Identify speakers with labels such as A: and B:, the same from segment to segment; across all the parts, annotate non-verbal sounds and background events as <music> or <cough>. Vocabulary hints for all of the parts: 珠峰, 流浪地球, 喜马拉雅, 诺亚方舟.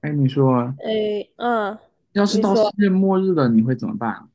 A: 哎，你说，
B: 诶，嗯，
A: 要是
B: 你
A: 到世
B: 说
A: 界末日了，你会怎么办啊？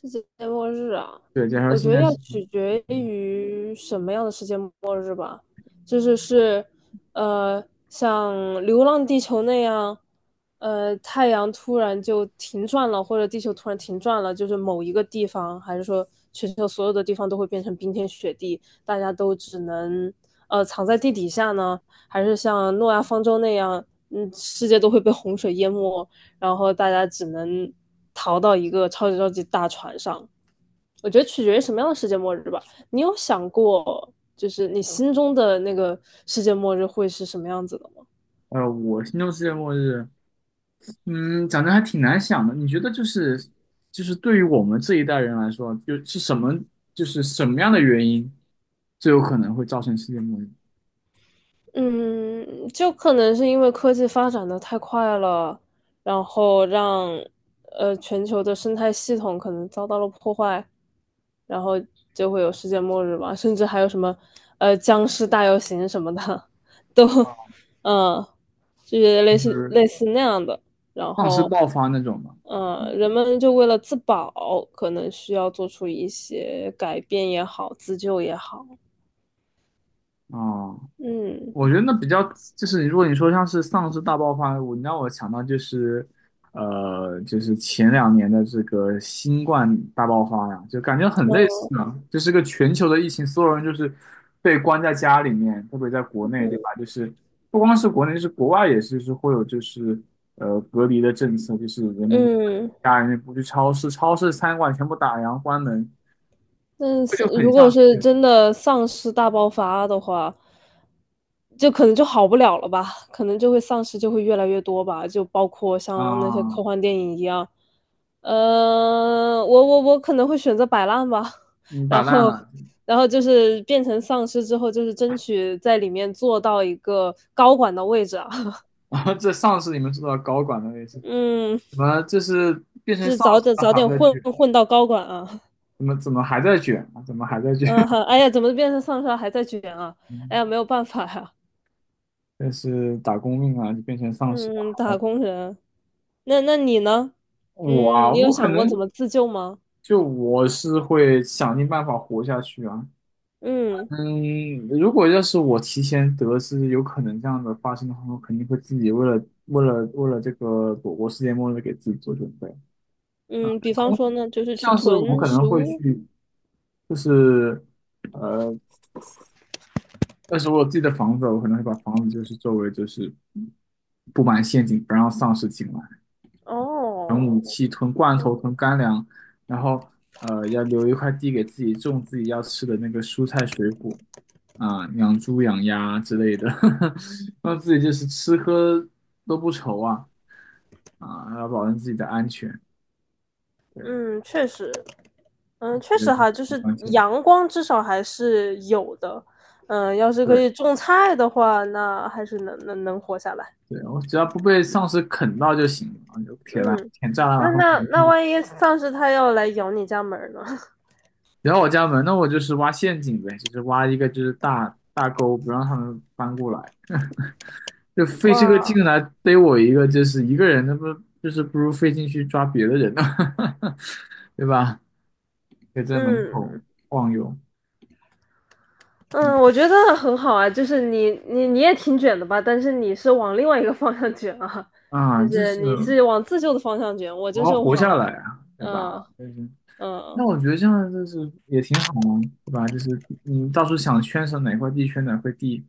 B: 世界末日啊？
A: 对，假如
B: 我觉
A: 现
B: 得
A: 在
B: 要
A: 是，
B: 取决于什么样的世界末日吧，就是，像《流浪地球》那样，太阳突然就停转了，或者地球突然停转了，就是某一个地方，还是说全球所有的地方都会变成冰天雪地，大家都只能藏在地底下呢？还是像诺亚方舟那样，世界都会被洪水淹没？然后大家只能逃到一个超级超级大船上。我觉得取决于什么样的世界末日吧。你有想过，就是你心中的那个世界末日会是什么样子的吗？
A: 我心中世界末日，嗯，讲真还挺难想的。你觉得就是对于我们这一代人来说，就是什么样的原因最有可能会造成世界末日？
B: 嗯，就可能是因为科技发展的太快了，然后让全球的生态系统可能遭到了破坏，然后就会有世界末日嘛，甚至还有什么僵尸大游行什么的，都嗯，就是类
A: 就
B: 似
A: 是
B: 类似那样的。然
A: 丧尸
B: 后，
A: 爆发那种吗？
B: 人们就为了自保，可能需要做出一些改变也好，自救也好。
A: 啊、
B: 嗯
A: 我觉得那比较就是如果你说像是丧尸大爆发，让我想到就是就是前两年的这个新冠大爆发呀，就感觉很类似呢，就是个全球的疫情，所有人就是被关在家里面，特别在国内，对吧？就是不光是国内，就是国外也是，就是会有就是隔离的政策，就是人们
B: 嗯。
A: 家人不去超市，超市餐馆全部打烊关门，
B: 但
A: 这
B: 是
A: 就很
B: 如
A: 像
B: 果是
A: 是
B: 真的丧尸大爆发的话，就可能就好不了了吧，可能就会丧尸就会越来越多吧，就包括像那些
A: 啊、
B: 科幻电影一样。我可能会选择摆烂吧，<laughs>
A: 嗯，摆
B: 然
A: 烂
B: 后
A: 了。
B: 然后就是变成丧尸之后，就是争取在里面做到一个高管的位置啊。
A: <laughs> 然后这上司你们知道高管的位
B: <laughs>
A: 置？
B: 嗯，
A: 怎么这是变成
B: 就是
A: 丧
B: 早
A: 尸
B: 点
A: 了
B: 早
A: 还
B: 点
A: 在
B: 混
A: 卷？
B: 混到高管啊。
A: 怎么还在卷啊？怎么还在
B: <laughs>
A: 卷？
B: 嗯，
A: <laughs>
B: 哎呀，怎么变成丧尸了还在卷啊？哎呀，
A: 嗯，
B: 没有办法呀。
A: 这是打工命啊，就变成丧尸了
B: 嗯，
A: 还
B: 打
A: 在
B: 工人。那你呢？
A: 我
B: 嗯，
A: 啊，
B: 你有
A: 我可
B: 想过
A: 能
B: 怎么自救吗？
A: 就我是会想尽办法活下去啊。
B: 嗯
A: 嗯，如果要是我提前得知有可能这样的发生的话，我肯定会自己为了这个躲过世界末日给自己做准备。
B: 嗯，比方
A: 同
B: 说呢，就是去
A: 像是我
B: 囤
A: 可能
B: 食
A: 会
B: 物。
A: 去，就是但是我有自己的房子，我可能会把房子就是周围就是布满陷阱，不让丧尸进来，囤武
B: 哦，
A: 器、囤罐头、
B: 嗯
A: 囤干粮，然后要留一块地给自己种自己要吃的那个蔬菜水果啊、养猪养鸭之类的，<laughs> 让自己就是吃喝都不愁啊啊，要保证自己的安全，对，
B: 嗯，确实，嗯，确
A: 觉得
B: 实哈，就
A: 很
B: 是
A: 关键，
B: 阳光至少还是有的。嗯，要是可
A: 对
B: 以种菜的话，那还是能能能活下来。
A: 对，我只要不被丧尸啃到就行了，就铁栏、
B: 嗯，
A: 铁栅栏
B: 那
A: 然后。
B: 那那万一丧尸它要来咬你家门儿呢？<laughs>
A: 然后我家门，那我就是挖陷阱呗，就是挖一个就是大大沟，不让他们翻过来，<laughs> 就费这个
B: 哇，
A: 劲来逮我一个，就是一个人，那不就是不如费劲去抓别的人呢，<laughs> 对吧？可以在门
B: 嗯。
A: 口晃悠，嗯
B: 嗯，我觉得很好啊，就是你也挺卷的吧，但是你是往另外一个方向卷啊，就
A: 啊，这
B: 是
A: 是
B: 你是往自救的方向卷，我
A: 我
B: 就
A: 要
B: 是
A: 活下
B: 往
A: 来啊，对
B: 嗯
A: 吧？就是，
B: 嗯
A: 那我觉得这样就是也挺好嘛，对吧？就是你到时候想圈上哪块地圈哪块地，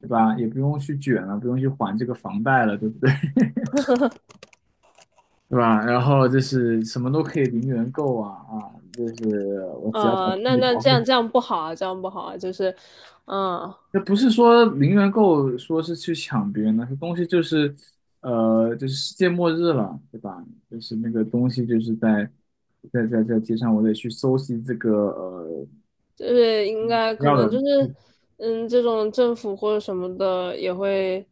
A: 对吧？也不用去卷了，不用去还这个房贷了，对不对？<laughs> 对吧？然后就是什么都可以零元购啊啊，就是我只要把
B: 嗯，
A: 自
B: 那
A: 己
B: 那
A: 保
B: 这
A: 护
B: 样
A: 好。
B: 这样不好啊，这样不好啊，就是嗯
A: 那不是说零元购说是去抢别人的，这东西就是，就是世界末日了，对吧？就是那个东西就是在在街上，我得去搜集这个
B: 就是应该可
A: 要
B: 能就
A: 的。
B: 是这种政府或者什么的也会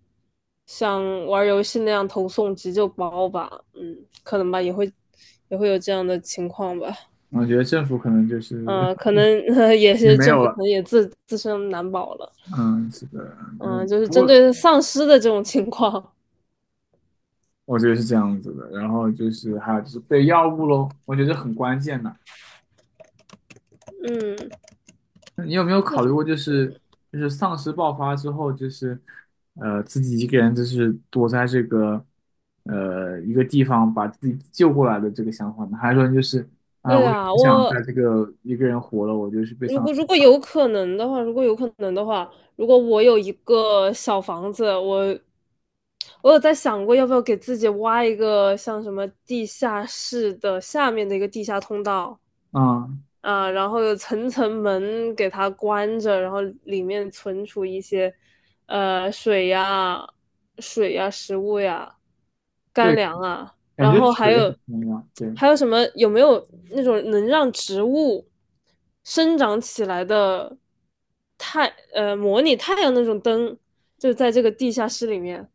B: 像玩儿游戏那样投送急救包吧，嗯，可能吧，也会也会有这样的情况吧。
A: 我觉得政府可能就是
B: 可能 <laughs>、也
A: <laughs> 也
B: 是
A: 没
B: 政
A: 有
B: 府可
A: 了，
B: 能也自身难保了。
A: 嗯，是的，那
B: 就是
A: 不
B: 针
A: 过
B: 对丧尸的这种情况。
A: 我觉得是这样子的。然后就是还有就是对药物喽，我觉得很关键的。
B: 嗯，
A: 你有没有考虑过，就是丧尸爆发之后，就是自己一个人就是躲在这个一个地方把自己救过来的这个想法呢？还是说你就是啊、
B: 对
A: 我也
B: 啊，
A: 不想在
B: 我
A: 这个一个人活了，我就是被
B: 如
A: 丧
B: 果
A: 尸
B: 如果有可能的话，如果有可能的话，如果我有一个小房子，我有在想过要不要给自己挖一个像什么地下室的下面的一个地下通道。
A: 咬？嗯，
B: 啊，然后有层层门给它关着，然后里面存储一些，呃，水呀、食物呀、干
A: 对，
B: 粮啊，
A: 感
B: 然
A: 觉
B: 后还
A: 水
B: 有
A: 很重要，对。
B: 什么？有没有那种能让植物生长起来的太模拟太阳那种灯？就在这个地下室里面。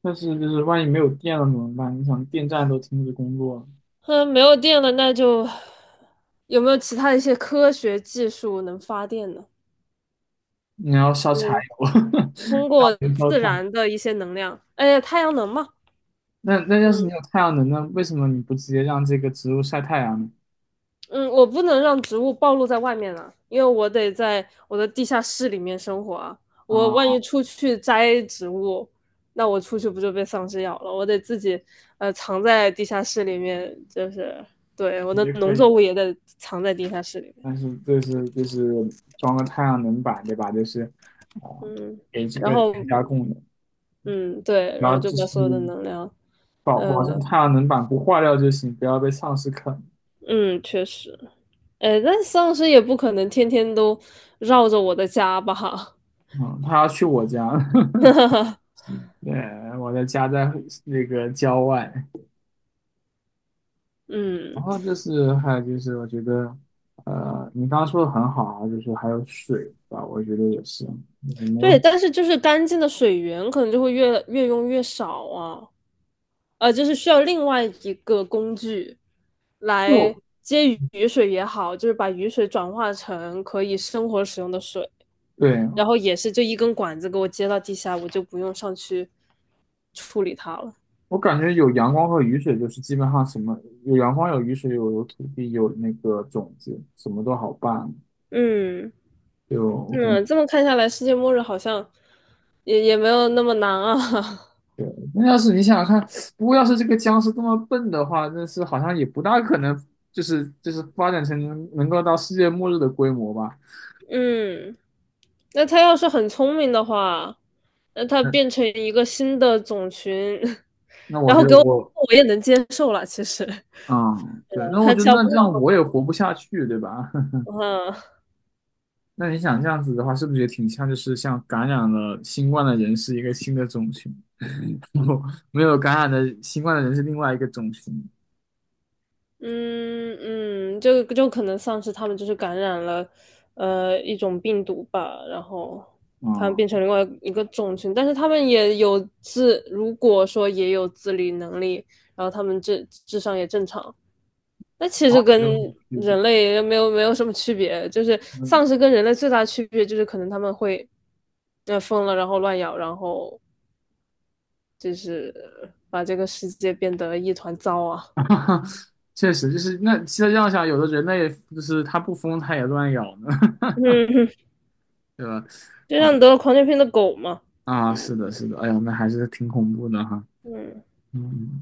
A: 但是就是万一没有电了怎么办？你想电站都停止工作了，
B: 嗯，没有电了，那就有没有其他一些科学技术能发电呢？
A: 你要烧柴
B: 嗯，
A: 油，<laughs>
B: 通
A: 烧
B: 过
A: 煤烧
B: 自
A: 炭。
B: 然的一些能量，哎，太阳能嘛。
A: 那那要是你有太阳能呢？为什么你不直接让这个植物晒太阳呢？
B: 嗯，我不能让植物暴露在外面了，因为我得在我的地下室里面生活啊。我万
A: 啊，
B: 一出去摘植物，那我出去不就被丧尸咬了？我得自己藏在地下室里面，就是对我的
A: 也可
B: 农作
A: 以
B: 物
A: 啊，
B: 也得藏在地下室里面，
A: 但是这是装个太阳能板，对吧？就是啊、
B: 嗯，
A: 给这
B: 然
A: 个
B: 后
A: 全家供的，
B: 嗯对，
A: 然
B: 然后
A: 后
B: 就
A: 就
B: 把
A: 是
B: 所有的能量，
A: 保
B: 呃
A: 保证太阳能板不坏掉就行，不要被丧尸啃。
B: 嗯，确实，哎，那丧尸也不可能天天都绕着我的家吧？
A: 嗯，他要去我家，<laughs>
B: <laughs>
A: 对，我的家在那个郊外。然
B: 嗯，
A: 后就是还有就是，我觉得，你刚刚说的很好啊，就是还有水吧，我觉得也是，就是没有
B: 对，但是就是干净的水源可能就会越用越少啊，呃，就是需要另外一个工具来
A: 就
B: 接雨水也好，就是把雨水转化成可以生活使用的水，然
A: 对
B: 后也是就一根管子给我接到地下，我就不用上去处理它了。
A: 我感觉有阳光和雨水，就是基本上什么有阳光、有雨水、有土地、有那个种子，什么都好办。
B: 嗯。
A: 就 OK。
B: 嗯，这么看下来，世界末日好像也也没有那么难啊。<laughs>
A: 对，那要是你想想看，不过要是这个僵尸这么笨的话，那是好像也不大可能，就是发展成能够到世界末日的规模吧。
B: 嗯，那他要是很聪明的话，那他
A: 那
B: 变成一个新的种群，<laughs>
A: 那我
B: 然
A: 觉
B: 后
A: 得
B: 给我，
A: 我
B: 我也能接受了。其实，
A: 嗯，对，
B: 呃
A: 那我
B: 他
A: 觉得
B: 教
A: 那
B: 不
A: 这
B: 了
A: 样我也
B: 我。
A: 活不下去，对吧？
B: 嗯。
A: <laughs> 那你想这样子的话，是不是也挺像就是像感染了新冠的人是一个新的种群？<laughs> 没有感染的新冠的人是另外一个种群。
B: 嗯嗯，就可能丧尸他们就是感染了，呃，一种病毒吧，然后他们变
A: 啊，
B: 成另外一个种群，但是他们也有自，如果说也有自理能力，然后他们智商也正常，那其
A: 啊，
B: 实跟
A: 没有什么区别。
B: 人类没有什么区别，就是丧
A: 嗯，
B: 尸跟人类最大的区别就是可能他们会，呃，疯了，然后乱咬，然后就是把这个世界变得一团糟啊。
A: <laughs> 确实就是那再这样想，有的人类就是他不疯，他也乱咬呢，
B: <laughs> 嗯
A: <laughs> 对吧？
B: 就
A: 啊
B: 像得了狂犬病的狗嘛。
A: 啊，
B: 嗯
A: 是的，是的，哎呀，那还是挺恐怖的哈。
B: 嗯
A: 嗯，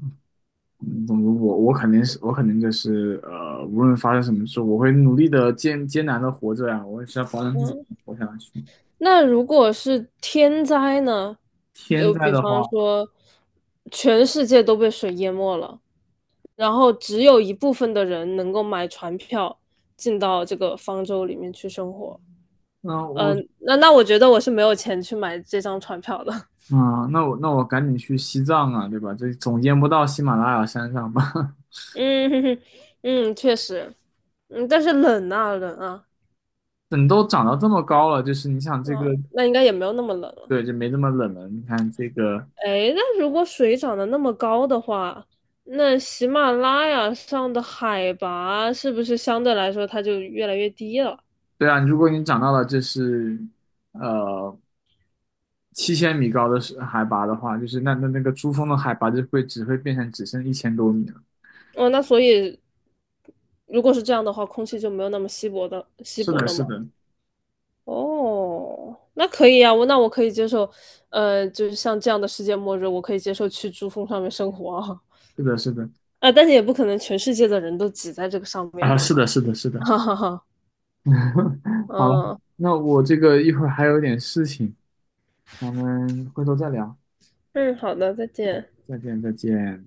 A: 嗯总之我肯定是我肯定就是无论发生什么事，我会努力的艰难的活着呀、我也是要保证自己
B: 嗯。
A: 能活下去。
B: 那如果是天灾呢？
A: 天
B: 就
A: 灾
B: 比
A: 的
B: 方
A: 话，
B: 说，全世界都被水淹没了，然后只有一部分的人能够买船票进到这个方舟里面去生活。
A: 那我
B: 那那我觉得我是没有钱去买这张船票的。
A: 啊，那我赶紧去西藏啊，对吧？这总见不到喜马拉雅山上吧？
B: <laughs> 嗯哼哼，<laughs> 嗯，确实，但是冷啊冷啊，
A: <laughs> 等都长到这么高了，就是你想这
B: 啊，
A: 个，
B: 那应该也没有那么冷了。
A: 对，就没这么冷了。你看这个，
B: 哎，那如果水涨得那么高的话，那喜马拉雅上的海拔是不是相对来说它就越来越低了？
A: 对啊，如果你长到了这是呃7000米高的是海拔的话，就是那那那个珠峰的海拔就会只会变成只剩1000多米了。
B: 哦，那所以如果是这样的话，空气就没有那么稀薄的稀
A: 是
B: 薄
A: 的，
B: 了
A: 是
B: 吗？
A: 的，
B: 哦，那可以啊，我那我可以接受，呃，就是像这样的世界末日，我可以接受去珠峰上面生活
A: 是的，是的，
B: 啊，啊但是也不可能全世界的人都挤在这个上面
A: 啊，
B: 吧，
A: 是的，是的，是
B: <laughs>
A: 的。
B: 哈哈哈，
A: <laughs> 好，
B: 嗯
A: 那我这个一会儿还有点事情，咱们回头再聊，
B: 嗯，好的，再见。
A: 再见，再见。